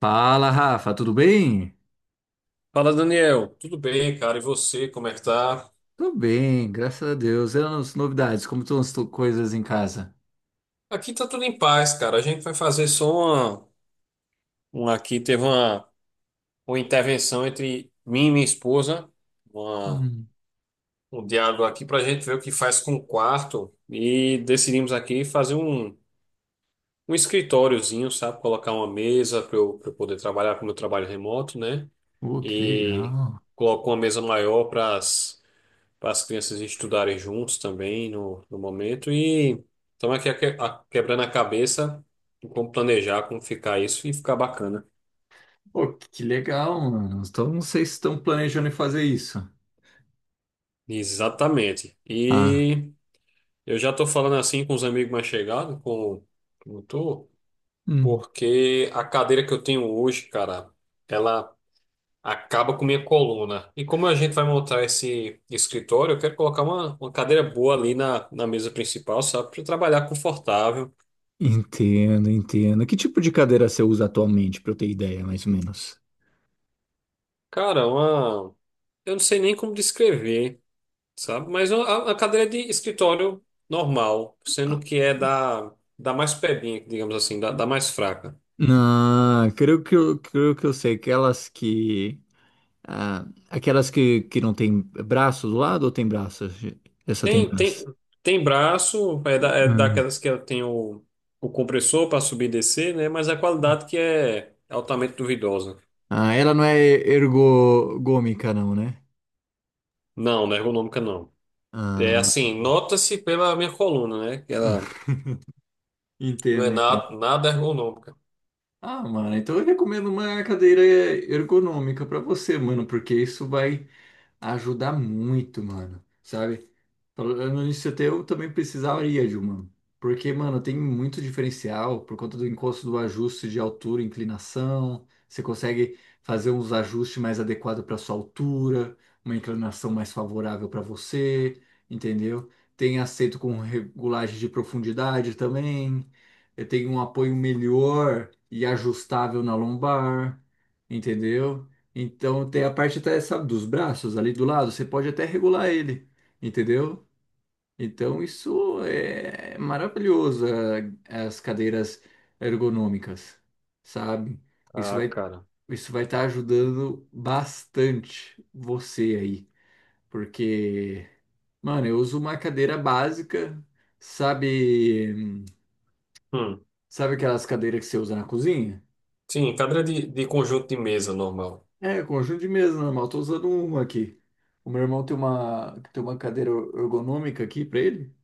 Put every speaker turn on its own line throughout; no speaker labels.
Fala, Rafa, tudo bem?
Fala, Daniel. Tudo bem, cara? E você, como é que tá?
Tô bem, graças a Deus. E as novidades, como estão coisas em casa?
Aqui tá tudo em paz, cara. A gente vai fazer só uma aqui teve uma intervenção entre mim e minha esposa, uma-
Hum.
um diálogo aqui pra gente ver o que faz com o quarto e decidimos aqui fazer um escritóriozinho, sabe? Colocar uma mesa para pra eu poder trabalhar com o meu trabalho remoto, né?
Oh, que
E
legal.
colocar uma mesa maior para as crianças estudarem juntos também no momento. E estamos aqui quebrando a cabeça em como planejar, como ficar isso e ficar bacana.
Pô, que legal, mano. Então, não sei se estão planejando em fazer isso.
Exatamente.
Ah.
E eu já estou falando assim com os amigos mais chegados, com como tu,
Hum.
porque a cadeira que eu tenho hoje, cara, ela acaba com minha coluna. E como a gente vai montar esse escritório, eu quero colocar uma cadeira boa ali na mesa principal, sabe? Para trabalhar confortável.
Entendo, entendo. Que tipo de cadeira você usa atualmente, pra eu ter ideia, mais ou menos?
Cara, uma, Eu não sei nem como descrever, sabe? Mas a cadeira de escritório normal, sendo
Ah.
que é da mais pebinha, digamos assim, da mais fraca.
Não, creio que eu sei. Aquelas que. Aquelas que não tem braço do lado ou tem braço? Essa tem
Tem, tem,
braço.
tem braço, é, é daquelas que tem o compressor para subir e descer, né? Mas a qualidade que é altamente duvidosa.
Ah, ela não é ergogômica, não, né?
Não, não é ergonômica, não. É
Ah,
assim, nota-se pela minha coluna, né? Que ela não é
entendo, entendo.
nada, nada ergonômica.
Ah, mano, então eu recomendo uma cadeira ergonômica pra você, mano, porque isso vai ajudar muito, mano, sabe? Falando nisso, até eu também precisaria de uma. Porque, mano, tem muito diferencial por conta do encosto do ajuste de altura e inclinação. Você consegue fazer uns ajustes mais adequados para sua altura, uma inclinação mais favorável para você, entendeu? Tem aceito com regulagem de profundidade também. Tem um apoio melhor e ajustável na lombar, entendeu? Então tem a parte até, sabe, dos braços ali do lado, você pode até regular ele, entendeu? Então isso é maravilhoso, as cadeiras ergonômicas, sabe? Isso
Ah,
vai
cara.
isso vai estar ajudando bastante você aí, porque, mano, eu uso uma cadeira básica, sabe,
Hum.
sabe aquelas cadeiras que você usa na cozinha?
Sim, cadeira de conjunto de mesa normal.
É, conjunto de mesa normal. Tô usando um aqui. O meu irmão tem uma cadeira ergonômica aqui pra ele,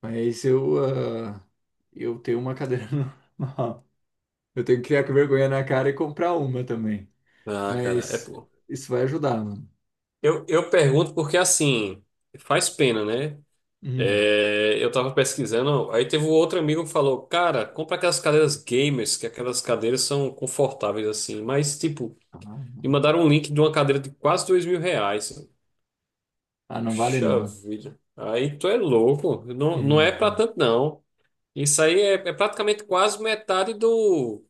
mas ah, eu tenho uma cadeira normal. Eu tenho que criar com vergonha na cara e comprar uma também.
Ah, cara, é.
Mas isso vai ajudar, mano.
Eu pergunto porque, assim, faz pena, né?
Hum.
É, eu tava pesquisando, aí teve um outro amigo que falou, cara, compra aquelas cadeiras gamers, que aquelas cadeiras são confortáveis, assim. Mas, tipo,
Ah,
me
não.
mandaram um link de uma cadeira de quase dois mil reais.
Ah, não vale
Puxa
não.
vida. Aí tu é louco. Não, não é pra
Uhum.
tanto, não. Isso aí é, é praticamente quase metade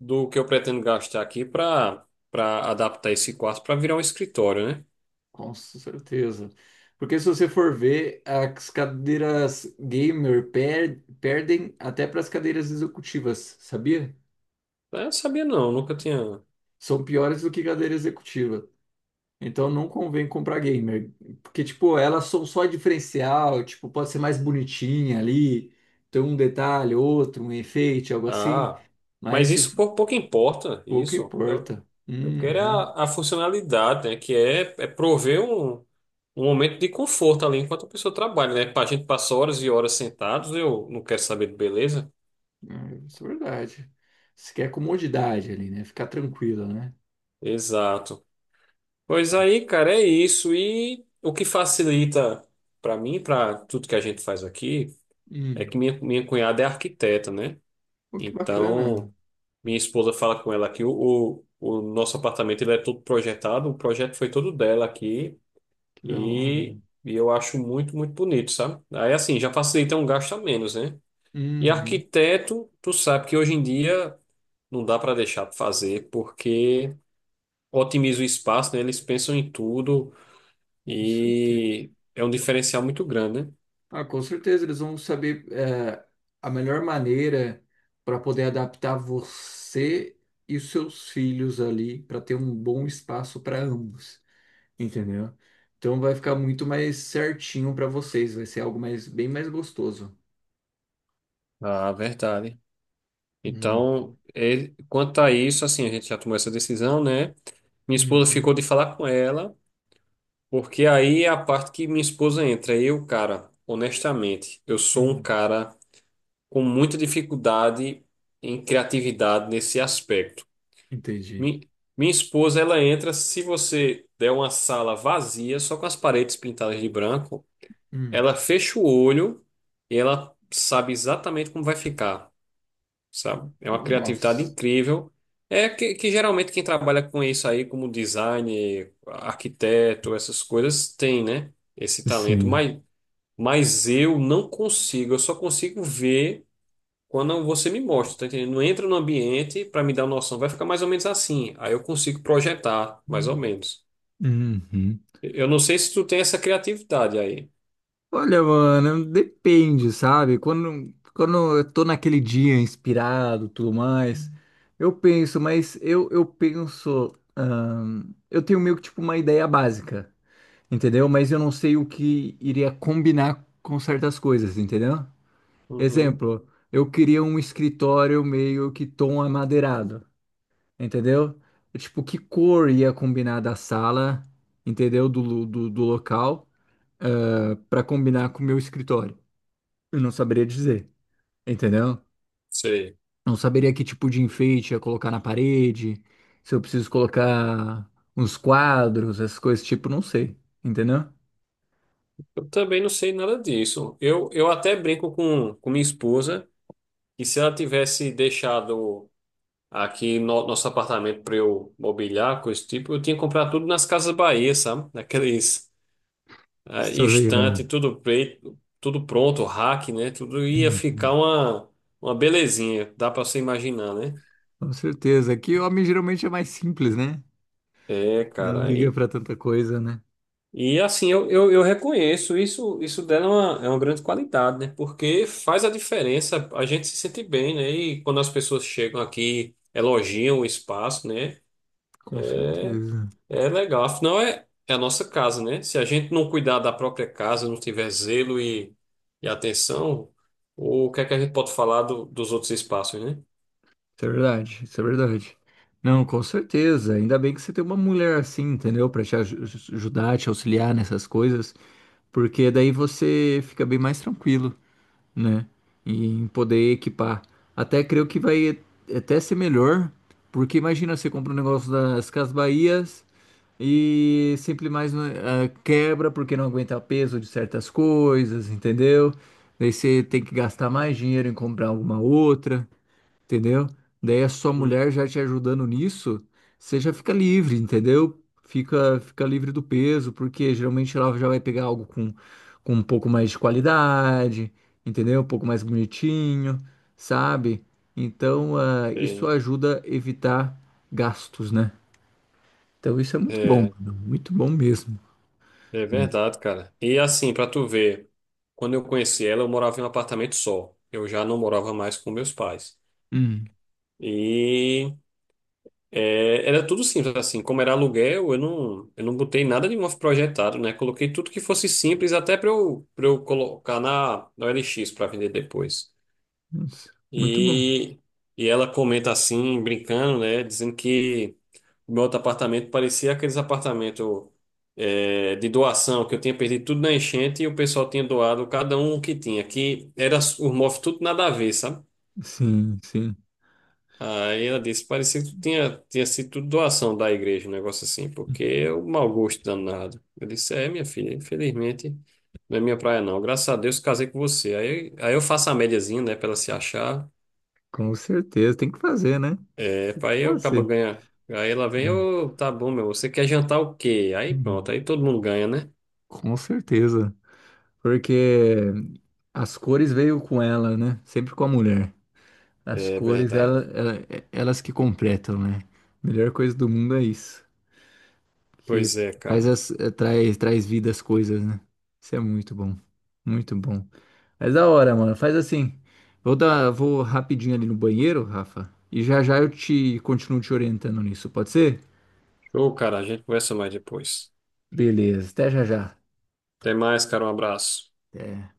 do que eu pretendo gastar aqui pra adaptar esse quarto pra virar um escritório, né?
Com certeza. Porque se você for ver, as cadeiras gamer perdem até para as cadeiras executivas, sabia?
Eu não sabia, não. Nunca tinha.
São piores do que cadeira executiva. Então não convém comprar gamer, porque tipo, elas são só diferencial, tipo, pode ser mais bonitinha ali, tem um detalhe, outro, um efeito, algo assim,
Ah,
mas
mas
se
isso pouco importa,
pouco
isso.
importa.
Eu quero é
Uhum.
a funcionalidade, né? Que é prover um momento de conforto ali enquanto a pessoa trabalha, né? A gente passa horas e horas sentados, eu não quero saber de beleza.
É, isso é verdade. Você quer comodidade ali, né? Ficar tranquila, né?
Exato. Pois aí, cara, é isso. E o que facilita para mim, para tudo que a gente faz aqui, é
Hum.
que minha cunhada é arquiteta, né?
Pô, que bacana.
Então, minha esposa fala com ela que o nosso apartamento ele é todo projetado, o projeto foi todo dela aqui
Que da hora.
e, eu acho muito bonito, sabe? Aí assim, já facilita um gasto a menos, né? E
Uhum.
arquiteto, tu sabe que hoje em dia não dá para deixar de fazer porque otimiza o espaço, né? Eles pensam em tudo
Com certeza.
e é um diferencial muito grande, né?
Ah, com certeza, eles vão saber a melhor maneira para poder adaptar você e os seus filhos ali, para ter um bom espaço para ambos, entendeu? Então vai ficar muito mais certinho para vocês, vai ser algo mais, bem mais gostoso.
Ah, verdade.
Hum.
Então, quanto a isso, assim, a gente já tomou essa decisão, né? Minha esposa
Uhum.
ficou de falar com ela. Porque aí é a parte que minha esposa entra. Eu, cara, honestamente, eu sou um
Hum.
cara com muita dificuldade em criatividade nesse aspecto.
Entendi.
Mi- Minha esposa, ela entra se você der uma sala vazia, só com as paredes pintadas de branco,
Hum.
ela fecha o olho e ela sabe exatamente como vai ficar, sabe? É uma criatividade
Nossa.
incrível. É que geralmente quem trabalha com isso aí, como design, arquiteto, essas coisas, tem, né? Esse talento.
Sim.
Mas eu não consigo, eu só consigo ver quando você me mostra, tá entendendo? Não entra no ambiente para me dar uma noção, vai ficar mais ou menos assim. Aí eu consigo projetar, mais ou menos.
Uhum.
Eu não sei se tu tem essa criatividade aí.
Olha, mano, depende, sabe? Quando eu tô naquele dia inspirado, tudo mais, eu penso, mas eu penso, eu tenho meio que tipo uma ideia básica, entendeu? Mas eu não sei o que iria combinar com certas coisas, entendeu?
Uhum,
Exemplo, eu queria um escritório meio que tom amadeirado, entendeu? Tipo, que cor ia combinar da sala, entendeu? Do local, para combinar com o meu escritório. Eu não saberia dizer, entendeu?
sei.
Não saberia que tipo de enfeite ia colocar na parede, se eu preciso colocar uns quadros, essas coisas, tipo, não sei, entendeu?
Eu também não sei nada disso. Eu até brinco com minha esposa que se ela tivesse deixado aqui no, nosso apartamento para eu mobiliar, coisa do tipo, eu tinha comprado tudo nas Casas Bahia, sabe? Naqueles
Estou
instante,
ligando.
tudo preto, tudo pronto, rack, né? Tudo ia
Hum.
ficar uma belezinha, dá para você imaginar, né?
Com certeza. Aqui o homem geralmente é mais simples, né?
É,
Não
cara.
liga pra tanta coisa, né?
E assim, eu reconheço isso, isso dela é é uma grande qualidade, né? Porque faz a diferença, a gente se sente bem, né? E quando as pessoas chegam aqui, elogiam o espaço, né?
Com certeza.
É legal, afinal é a nossa casa, né? Se a gente não cuidar da própria casa, não tiver zelo e atenção, o que é que a gente pode falar dos outros espaços, né?
Isso é verdade, isso é verdade. Não, com certeza. Ainda bem que você tem uma mulher assim, entendeu? Pra te ajudar, te auxiliar nessas coisas, porque daí você fica bem mais tranquilo, né? E em poder equipar. Até creio que vai até ser melhor, porque imagina, você compra um negócio das Casas Bahias e sempre mais quebra porque não aguenta o peso de certas coisas, entendeu? Daí você tem que gastar mais dinheiro em comprar alguma outra, entendeu? Daí a sua
Hum.
mulher já te ajudando nisso, você já fica livre, entendeu? Fica livre do peso, porque geralmente ela já vai pegar algo com um pouco mais de qualidade, entendeu? Um pouco mais bonitinho, sabe? Então, isso ajuda a evitar gastos, né? Então, isso é
É,
muito bom,
é,
mano, muito bom mesmo.
é verdade, cara. E assim, pra tu ver, quando eu conheci ela, eu morava em um apartamento só. Eu já não morava mais com meus pais.
Hum.
E é, era tudo simples, assim, como era aluguel, eu não botei nada de novo projetado, né? Coloquei tudo que fosse simples, até para para eu colocar na OLX para vender depois.
Nossa, muito bom.
E, e ela comenta assim, brincando, né? Dizendo que meu outro apartamento parecia aqueles apartamentos é, de doação, que eu tinha perdido tudo na enchente e o pessoal tinha doado cada um o que tinha, que era os móveis tudo nada a ver, sabe?
Sim, sim,
Aí ela disse, parecia que tinha sido tudo doação da igreja, um negócio assim, porque é um mau gosto danado. Eu disse, é, minha filha, infelizmente, não é minha praia não. Graças a Deus casei com você. Aí eu faço a médiazinha, né, pra ela se achar.
com certeza. Tem que fazer, né?
É,
Tem
pra
que
aí eu acabo
fazer.
ganhando. Aí ela vem, ô, tá bom, meu, você quer jantar o quê? Aí pronto,
Hum.
aí todo mundo ganha, né?
Com certeza. Porque as cores veio com ela, né? Sempre com a mulher. As
É
cores,
verdade.
elas que completam, né? Melhor coisa do mundo é isso. Que
Pois é,
faz
cara.
as, eh, traz, traz vida às coisas, né? Isso é muito bom. Muito bom. Mas da hora, mano. Faz assim. Vou rapidinho ali no banheiro, Rafa. E já já eu te continuo te orientando nisso, pode ser?
Show, cara, a gente conversa mais depois.
Beleza. Até já já.
Até mais, cara, um abraço.
Até.